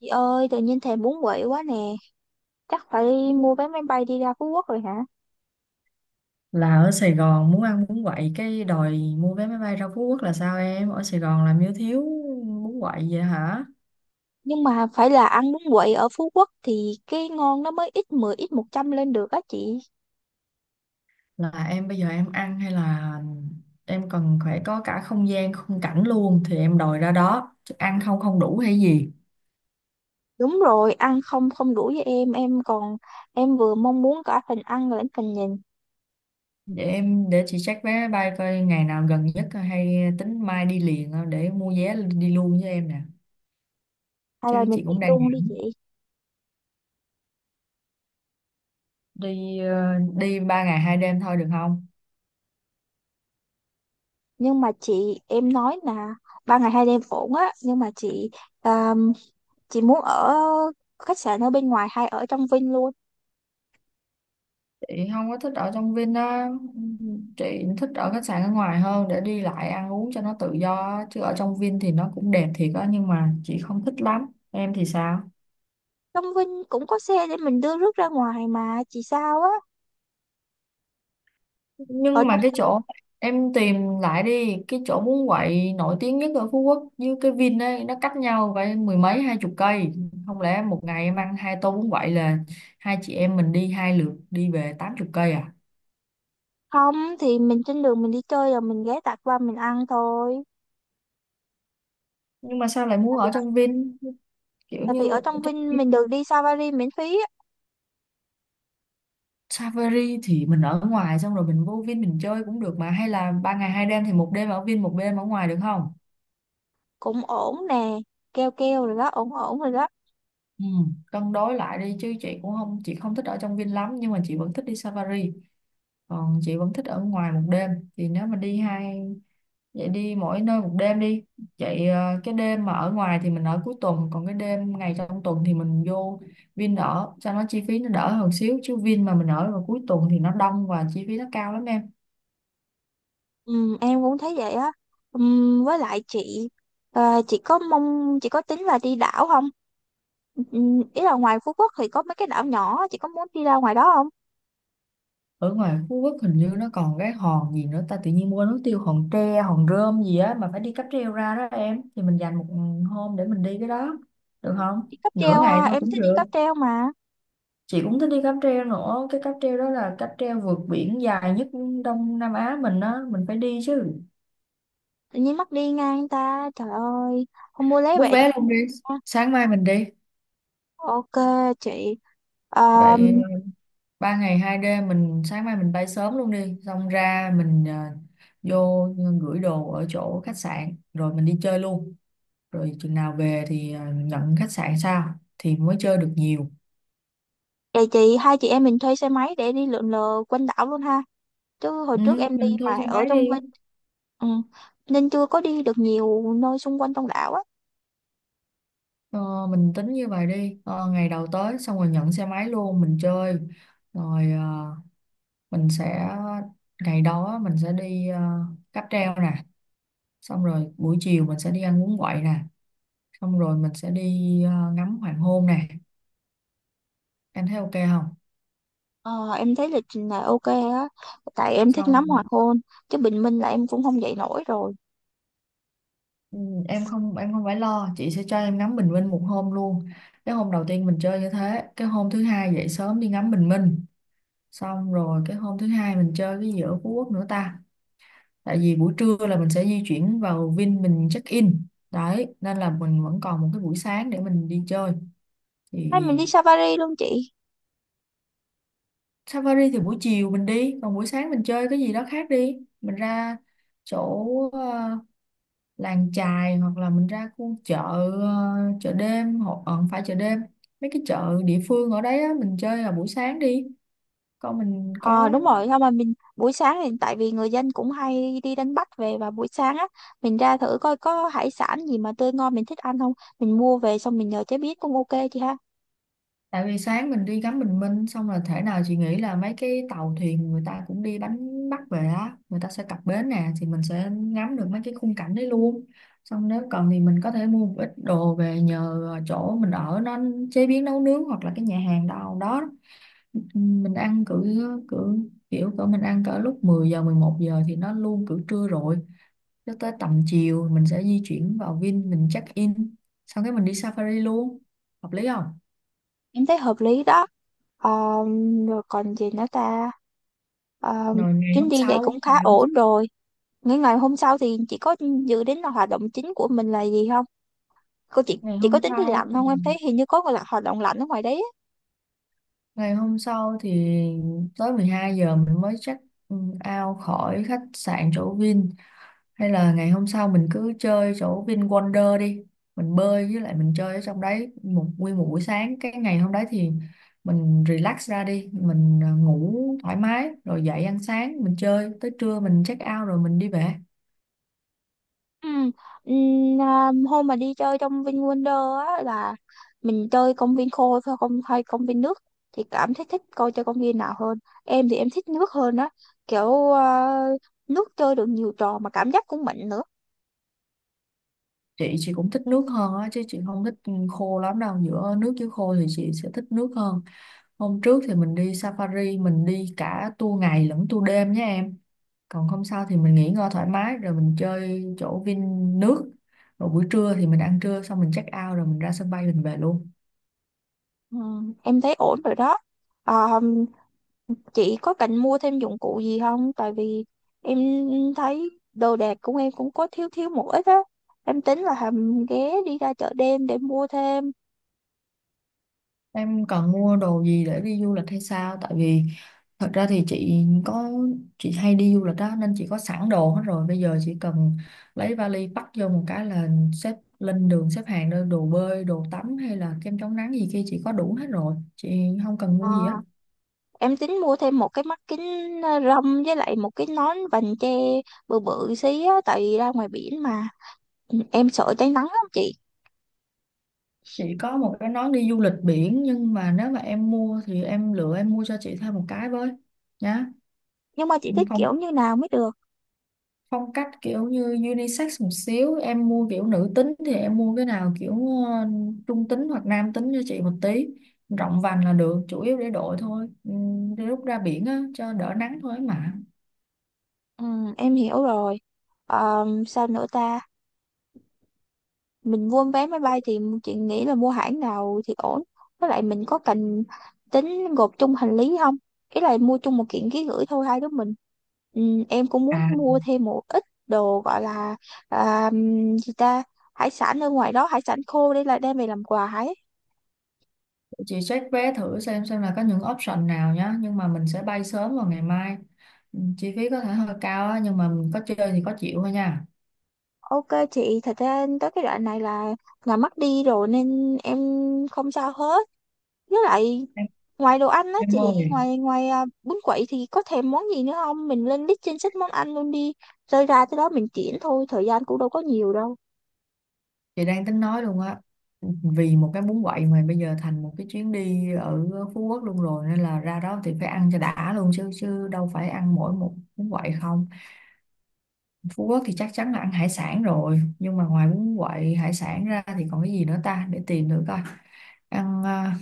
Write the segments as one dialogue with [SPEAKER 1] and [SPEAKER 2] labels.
[SPEAKER 1] Chị ơi, tự nhiên thèm bún quậy quá nè. Chắc phải mua vé máy bay đi ra Phú Quốc rồi hả?
[SPEAKER 2] Là ở Sài Gòn muốn ăn bún quậy cái đòi mua vé máy bay ra Phú Quốc là sao? Em ở Sài Gòn làm như thiếu bún quậy vậy hả?
[SPEAKER 1] Nhưng mà phải là ăn bún quậy ở Phú Quốc thì cái ngon nó mới ít 10, ít 100 lên được á chị.
[SPEAKER 2] Là em bây giờ em ăn hay là em cần phải có cả không gian khung cảnh luôn thì em đòi ra đó, chứ ăn không không đủ hay gì?
[SPEAKER 1] Đúng rồi, ăn không không đủ với em. Em vừa mong muốn cả phần ăn lẫn phần nhìn.
[SPEAKER 2] Để em để chị check vé máy bay coi ngày nào gần nhất, hay tính mai đi liền, để mua vé đi luôn với em nè.
[SPEAKER 1] Hay là
[SPEAKER 2] Chứ
[SPEAKER 1] mình
[SPEAKER 2] chị
[SPEAKER 1] đi
[SPEAKER 2] cũng đang
[SPEAKER 1] luôn đi chị.
[SPEAKER 2] đi đi 3 ngày 2 đêm thôi được không?
[SPEAKER 1] Nhưng mà chị, em nói là 3 ngày 2 đêm ổn á. Nhưng mà chị, à, chị muốn ở khách sạn ở bên ngoài hay ở trong Vinh luôn.
[SPEAKER 2] Chị không có thích ở trong Vin á, chị thích ở khách sạn ở ngoài hơn để đi lại ăn uống cho nó tự do á. Chứ ở trong Vin thì nó cũng đẹp thiệt á nhưng mà chị không thích lắm, em thì sao?
[SPEAKER 1] Trong Vinh cũng có xe để mình đưa rước ra ngoài mà chị sao á? ở
[SPEAKER 2] Nhưng mà cái chỗ em tìm lại đi, cái chỗ bún quậy nổi tiếng nhất ở Phú Quốc với cái Vin ấy nó cách nhau phải mười mấy hai chục cây. Không lẽ một ngày em ăn hai tô bún quậy là hai chị em mình đi hai lượt đi về 80 cây à?
[SPEAKER 1] Không thì mình trên đường mình đi chơi rồi mình ghé tạt qua mình ăn thôi.
[SPEAKER 2] Nhưng mà sao lại muốn
[SPEAKER 1] tại vì
[SPEAKER 2] ở trong Vin? Kiểu
[SPEAKER 1] tại vì
[SPEAKER 2] như
[SPEAKER 1] ở trong
[SPEAKER 2] trong
[SPEAKER 1] Vinh mình được
[SPEAKER 2] Vin
[SPEAKER 1] đi safari miễn phí á.
[SPEAKER 2] Safari thì mình ở ngoài xong rồi mình vô Vin mình chơi cũng được mà, hay là 3 ngày 2 đêm thì một đêm ở Vin một đêm ở ngoài được không?
[SPEAKER 1] Cũng ổn nè, keo keo rồi đó, ổn ổn rồi đó.
[SPEAKER 2] Ừ, cân đối lại đi, chứ chị không thích ở trong Vin lắm nhưng mà chị vẫn thích đi Safari, còn chị vẫn thích ở ngoài một đêm. Thì nếu mà đi hai Vậy đi mỗi nơi một đêm đi. Vậy cái đêm mà ở ngoài thì mình ở cuối tuần, còn cái đêm ngày trong tuần thì mình vô Vin ở cho nó chi phí nó đỡ hơn xíu. Chứ Vin mà mình ở vào cuối tuần thì nó đông và chi phí nó cao lắm em.
[SPEAKER 1] Ừ, em cũng thấy vậy á. Ừ, với lại chị, chị có mong chị có tính là đi đảo không? Ừ, ý là ngoài Phú Quốc thì có mấy cái đảo nhỏ, chị có muốn đi ra ngoài đó không?
[SPEAKER 2] Ở ngoài Phú Quốc hình như nó còn cái hòn gì nữa ta, tự nhiên quên mất tiêu, hòn tre hòn rơm gì á, mà phải đi cáp treo ra đó em. Thì mình dành một hôm để mình đi cái đó được không,
[SPEAKER 1] Đi cáp
[SPEAKER 2] nửa
[SPEAKER 1] treo
[SPEAKER 2] ngày
[SPEAKER 1] ha,
[SPEAKER 2] thôi
[SPEAKER 1] em
[SPEAKER 2] cũng
[SPEAKER 1] thích đi
[SPEAKER 2] được.
[SPEAKER 1] cáp treo mà.
[SPEAKER 2] Chị cũng thích đi cáp treo nữa, cái cáp treo đó là cáp treo vượt biển dài nhất Đông Nam Á mình á, mình phải đi chứ.
[SPEAKER 1] Tự nhiên mắc đi ngang ta, trời ơi, không mua lấy
[SPEAKER 2] Bút
[SPEAKER 1] vậy cho.
[SPEAKER 2] vé luôn đi, sáng mai mình đi.
[SPEAKER 1] Ok chị. Ờ.
[SPEAKER 2] Vậy 3 ngày 2 đêm mình sáng mai mình bay sớm luôn đi, xong ra mình vô gửi đồ ở chỗ khách sạn rồi mình đi chơi luôn. Rồi chừng nào về thì nhận khách sạn sao thì mới chơi được nhiều.
[SPEAKER 1] Vậy chị, hai chị em mình thuê xe máy để đi lượn lờ quanh đảo luôn ha. Chứ hồi
[SPEAKER 2] Ừ,
[SPEAKER 1] trước em đi
[SPEAKER 2] mình thuê
[SPEAKER 1] mà
[SPEAKER 2] xe
[SPEAKER 1] ở
[SPEAKER 2] máy
[SPEAKER 1] trong Vinh.
[SPEAKER 2] đi.
[SPEAKER 1] Ừ. Nên chưa có đi được nhiều nơi xung quanh trong đảo á.
[SPEAKER 2] Ờ, mình tính như vậy đi, ngày đầu tới xong rồi nhận xe máy luôn mình chơi, rồi à, mình sẽ ngày đó mình sẽ đi cáp treo nè, xong rồi buổi chiều mình sẽ đi ăn bún quậy nè, xong rồi mình sẽ đi ngắm hoàng hôn nè. Em thấy ok không?
[SPEAKER 1] Ờ, em thấy lịch trình này ok á, tại em thích ngắm
[SPEAKER 2] Xong
[SPEAKER 1] hoàng hôn, chứ bình minh là em cũng không dậy nổi rồi.
[SPEAKER 2] ừ, em không phải lo, chị sẽ cho em ngắm bình minh một hôm luôn. Cái hôm đầu tiên mình chơi như thế, cái hôm thứ hai dậy sớm đi ngắm bình minh, xong rồi cái hôm thứ hai mình chơi cái gì ở Phú Quốc nữa ta? Tại vì buổi trưa là mình sẽ di chuyển vào Vin mình check in đấy, nên là mình vẫn còn một cái buổi sáng để mình đi chơi
[SPEAKER 1] Hay
[SPEAKER 2] thì
[SPEAKER 1] mình đi safari luôn chị.
[SPEAKER 2] Safari thì buổi chiều mình đi, còn buổi sáng mình chơi cái gì đó khác đi. Mình ra chỗ ờ, làng chài hoặc là mình ra khu chợ, ờ, chợ đêm, hoặc không phải chợ đêm, mấy cái chợ địa phương ở đấy á, mình chơi vào buổi sáng đi. Còn mình
[SPEAKER 1] Ờ
[SPEAKER 2] có,
[SPEAKER 1] đúng rồi, thôi mà mình buổi sáng thì tại vì người dân cũng hay đi đánh bắt về và buổi sáng á, mình ra thử coi có hải sản gì mà tươi ngon mình thích ăn không, mình mua về xong mình nhờ chế biến cũng ok chị ha.
[SPEAKER 2] tại vì sáng mình đi ngắm bình minh xong là thể nào chị nghĩ là mấy cái tàu thuyền người ta cũng đi đánh bắt về á, người ta sẽ cập bến nè, thì mình sẽ ngắm được mấy cái khung cảnh đấy luôn. Xong nếu cần thì mình có thể mua một ít đồ về nhờ chỗ mình ở nó chế biến nấu nướng, hoặc là cái nhà hàng đâu đó, mình ăn cỡ cỡ kiểu cỡ mình ăn cỡ lúc 10 giờ 11 giờ thì nó luôn cỡ trưa rồi, cho tới tầm chiều mình sẽ di chuyển vào Vin mình check in, sau cái mình đi safari luôn, hợp lý không?
[SPEAKER 1] Em thấy hợp lý đó. Ờ, rồi còn gì nữa ta? Ờ,
[SPEAKER 2] Rồi
[SPEAKER 1] chuyến đi vậy cũng khá ổn rồi. Ngày ngày hôm sau thì chị có dự đến là hoạt động chính của mình là gì không? Cô chị
[SPEAKER 2] ngày
[SPEAKER 1] chị có
[SPEAKER 2] hôm
[SPEAKER 1] tính đi
[SPEAKER 2] sau,
[SPEAKER 1] lặn không, em thấy hình như có là hoạt động lặn ở ngoài đấy á.
[SPEAKER 2] ngày hôm sau thì tới 12 giờ mình mới check ừ, out khỏi khách sạn chỗ Vin. Hay là ngày hôm sau mình cứ chơi chỗ VinWonder đi. Mình bơi với lại mình chơi ở trong đấy một nguyên một buổi sáng. Cái ngày hôm đấy thì mình relax ra đi. Mình ngủ thoải mái rồi dậy ăn sáng mình chơi. Tới trưa mình check out rồi mình đi về.
[SPEAKER 1] Ừ. Ừm, hôm mà đi chơi trong VinWonder á là mình chơi công viên khô thôi không hay công viên nước? Chị cảm thấy thích coi chơi công viên nào hơn? Em thì em thích nước hơn á, kiểu nước chơi được nhiều trò mà cảm giác cũng mạnh nữa.
[SPEAKER 2] Chị cũng thích nước hơn á chứ chị không thích khô lắm đâu. Giữa nước với khô thì chị sẽ thích nước hơn. Hôm trước thì mình đi safari, mình đi cả tour ngày lẫn tour đêm nhé em. Còn không sao thì mình nghỉ ngơi thoải mái rồi mình chơi chỗ Vin nước, rồi buổi trưa thì mình ăn trưa xong mình check out rồi mình ra sân bay mình về luôn.
[SPEAKER 1] Ừ, em thấy ổn rồi đó. Ờ, chị có cần mua thêm dụng cụ gì không? Tại vì em thấy đồ đạc của em cũng có thiếu thiếu một ít á. Em tính là hầm ghé đi ra chợ đêm để mua thêm.
[SPEAKER 2] Em cần mua đồ gì để đi du lịch hay sao? Tại vì thật ra thì chị có, chị hay đi du lịch đó nên chị có sẵn đồ hết rồi, bây giờ chỉ cần lấy vali bắt vô một cái là xếp lên đường, xếp hàng đơn đồ bơi đồ tắm hay là kem chống nắng gì kia chị có đủ hết rồi, chị không cần
[SPEAKER 1] Ờ,
[SPEAKER 2] mua gì hết.
[SPEAKER 1] em tính mua thêm một cái mắt kính râm với lại một cái nón vành che bự bự xí á. Tại vì ra ngoài biển mà. Ừ, em sợ cháy nắng lắm chị.
[SPEAKER 2] Chị có một cái nón đi du lịch biển nhưng mà nếu mà em mua thì em lựa em mua cho chị thêm một cái với nhá.
[SPEAKER 1] Nhưng mà chị thích
[SPEAKER 2] Phong
[SPEAKER 1] kiểu như nào mới được?
[SPEAKER 2] phong cách kiểu như unisex một xíu, em mua kiểu nữ tính thì em mua cái nào kiểu trung tính hoặc nam tính cho chị một tí. Rộng vành là được, chủ yếu để đội thôi. Ừ, để lúc ra biển á cho đỡ nắng thôi mà.
[SPEAKER 1] Ừ, em hiểu rồi. Ờ, sao nữa ta? Mình mua vé máy bay thì chị nghĩ là mua hãng nào thì ổn? Với lại mình có cần tính gộp chung hành lý không? Ý là mua chung một kiện ký gửi thôi hai đứa mình. Ừ, em cũng muốn
[SPEAKER 2] À,
[SPEAKER 1] mua thêm một ít đồ gọi là à, gì ta hải sản ở ngoài đó, hải sản khô đây là đem về làm quà ấy.
[SPEAKER 2] chị check vé thử xem là có những option nào nhá, nhưng mà mình sẽ bay sớm vào ngày mai. Ừ, chi phí có thể hơi cao á nhưng mà mình có chơi thì có chịu thôi nha.
[SPEAKER 1] Ok chị, thật ra tới cái đoạn này là mất đi rồi nên em không sao hết. Với lại
[SPEAKER 2] Em
[SPEAKER 1] ngoài đồ ăn á
[SPEAKER 2] em
[SPEAKER 1] chị,
[SPEAKER 2] ơi
[SPEAKER 1] ngoài ngoài bún quậy thì có thèm món gì nữa không? Mình lên list trên sách món ăn luôn đi. Rơi ra tới đó mình chuyển thôi, thời gian cũng đâu có nhiều đâu.
[SPEAKER 2] chị đang tính nói luôn á, vì một cái bún quậy mà bây giờ thành một cái chuyến đi ở Phú Quốc luôn rồi, nên là ra đó thì phải ăn cho đã luôn chứ, chứ đâu phải ăn mỗi một bún quậy không. Phú Quốc thì chắc chắn là ăn hải sản rồi, nhưng mà ngoài bún quậy hải sản ra thì còn cái gì nữa ta, để tìm được coi ăn.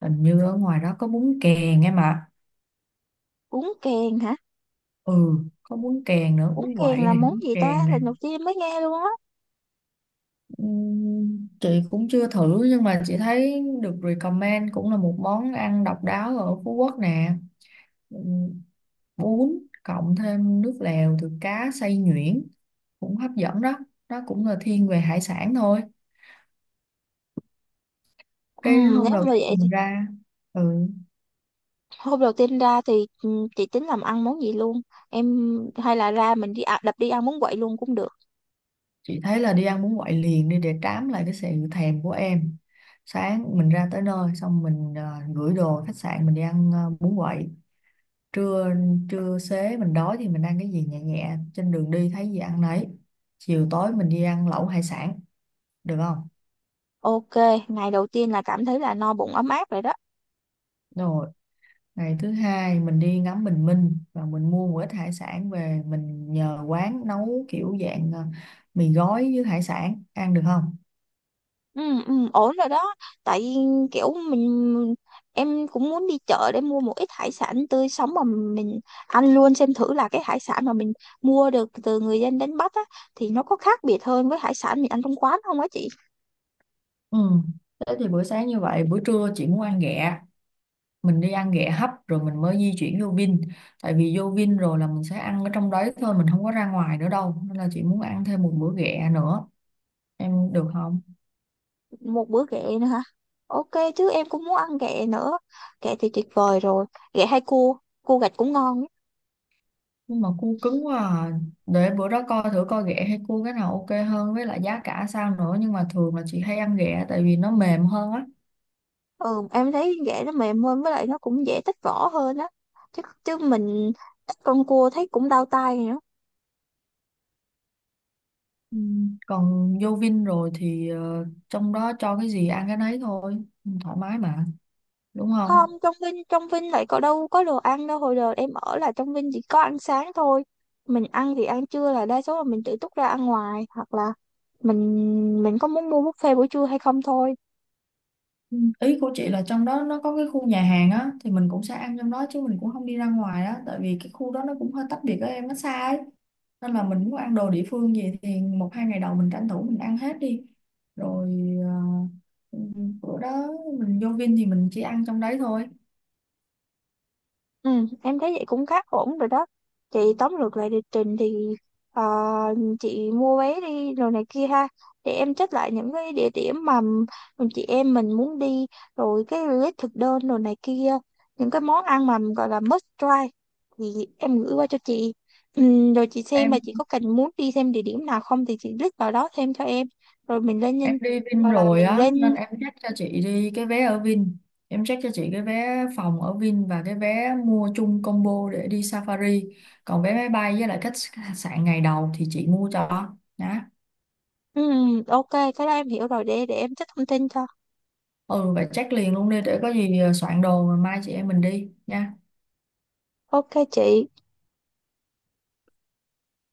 [SPEAKER 2] Hình như ở ngoài đó có bún kèn em ạ.
[SPEAKER 1] Bún kèn hả?
[SPEAKER 2] Ừ, có bún kèn nữa,
[SPEAKER 1] Bún
[SPEAKER 2] bún
[SPEAKER 1] kèn
[SPEAKER 2] quậy
[SPEAKER 1] là
[SPEAKER 2] này,
[SPEAKER 1] món
[SPEAKER 2] bún
[SPEAKER 1] gì ta?
[SPEAKER 2] kèn này.
[SPEAKER 1] Lần đầu tiên mới nghe luôn á.
[SPEAKER 2] Chị cũng chưa thử nhưng mà chị thấy được recommend cũng là một món ăn độc đáo ở Phú Quốc nè, bún cộng thêm nước lèo từ cá xay nhuyễn cũng hấp dẫn đó, nó cũng là thiên về hải sản thôi.
[SPEAKER 1] Ừ,
[SPEAKER 2] Cái hôm
[SPEAKER 1] nếu
[SPEAKER 2] đầu
[SPEAKER 1] mà
[SPEAKER 2] tiên
[SPEAKER 1] vậy thì
[SPEAKER 2] mình ra, ừ,
[SPEAKER 1] hôm đầu tiên ra thì ừ, chị tính làm ăn món gì luôn. Em hay là ra mình đi đập đi ăn bún quậy luôn cũng được.
[SPEAKER 2] chị thấy là đi ăn bún quậy liền đi để trám lại cái sự thèm của em. Sáng mình ra tới nơi xong mình gửi đồ khách sạn mình đi ăn bún quậy. Trưa trưa xế mình đói thì mình ăn cái gì nhẹ nhẹ trên đường đi, thấy gì ăn nấy. Chiều tối mình đi ăn lẩu hải sản được không?
[SPEAKER 1] Ok, ngày đầu tiên là cảm thấy là no bụng ấm áp rồi đó.
[SPEAKER 2] Rồi ngày thứ hai mình đi ngắm bình minh và mình mua một ít hải sản về mình nhờ quán nấu kiểu dạng mì gói với hải sản ăn được không?
[SPEAKER 1] Ừ. Ừ, ổn rồi đó, tại vì kiểu mình, em cũng muốn đi chợ để mua một ít hải sản tươi sống mà mình ăn luôn xem thử là cái hải sản mà mình mua được từ người dân đánh bắt á thì nó có khác biệt hơn với hải sản mình ăn trong quán không á chị.
[SPEAKER 2] Ừ. Thế thì bữa sáng như vậy, bữa trưa chị muốn ăn ghẹ. Mình đi ăn ghẹ hấp rồi mình mới di chuyển vô Vin. Tại vì vô Vin rồi là mình sẽ ăn ở trong đấy thôi, mình không có ra ngoài nữa đâu. Nên là chị muốn ăn thêm một bữa ghẹ nữa. Em được không?
[SPEAKER 1] Một bữa ghẹ nữa hả? Ok, chứ em cũng muốn ăn ghẹ nữa. Ghẹ thì tuyệt vời rồi. Ghẹ hay cua, cua gạch cũng ngon ấy.
[SPEAKER 2] Nhưng mà cua cứng quá à. Để bữa đó coi thử coi ghẹ hay cua cái nào ok hơn, với lại giá cả sao nữa, nhưng mà thường là chị hay ăn ghẹ tại vì nó mềm hơn á.
[SPEAKER 1] Ừ, em thấy ghẹ nó mềm hơn với lại nó cũng dễ tách vỏ hơn á. Chứ chứ mình tách con cua thấy cũng đau tay.
[SPEAKER 2] Ừ. Còn vô Vin rồi thì trong đó cho cái gì ăn cái nấy thôi, thoải mái mà, đúng không?
[SPEAKER 1] Không, trong Vinh lại có đâu có đồ ăn đâu. Hồi đợt em ở là trong Vinh chỉ có ăn sáng thôi. Mình ăn thì ăn trưa là đa số là mình tự túc ra ăn ngoài. Hoặc là mình có muốn mua buffet buổi trưa hay không thôi.
[SPEAKER 2] Ừ, ý của chị là trong đó nó có cái khu nhà hàng á thì mình cũng sẽ ăn trong đó chứ mình cũng không đi ra ngoài á, tại vì cái khu đó nó cũng hơi tách biệt với em nó xa ấy, nên là mình muốn ăn đồ địa phương gì thì một hai ngày đầu mình tranh thủ mình ăn hết đi rồi. ờ, ừ, Bữa đó mình vô Vin thì mình chỉ ăn trong đấy thôi.
[SPEAKER 1] Ừ, em thấy vậy cũng khá ổn rồi đó. Chị tóm lược lại lịch trình thì ờ, chị mua vé đi rồi này kia ha. Để em check lại những cái địa điểm mà chị em mình muốn đi, rồi cái list thực đơn rồi này kia. Những cái món ăn mà gọi là must try thì em gửi qua cho chị. Ừ, rồi chị xem mà chị có cần muốn đi thêm địa điểm nào không thì chị list vào đó thêm cho em. Rồi mình lên
[SPEAKER 2] Em
[SPEAKER 1] nhân,
[SPEAKER 2] đi Vin
[SPEAKER 1] gọi là
[SPEAKER 2] rồi
[SPEAKER 1] mình
[SPEAKER 2] á
[SPEAKER 1] lên.
[SPEAKER 2] nên em check cho chị đi cái vé ở Vin, em check cho chị cái vé phòng ở Vin và cái vé mua chung combo để đi Safari, còn vé máy bay với lại khách sạn ngày đầu thì chị mua cho đó.
[SPEAKER 1] Ừ, ok cái đó em hiểu rồi, để em check thông tin cho.
[SPEAKER 2] Ừ, vậy check liền luôn đi để có gì soạn đồ rồi mai chị em mình đi nha.
[SPEAKER 1] Ok chị.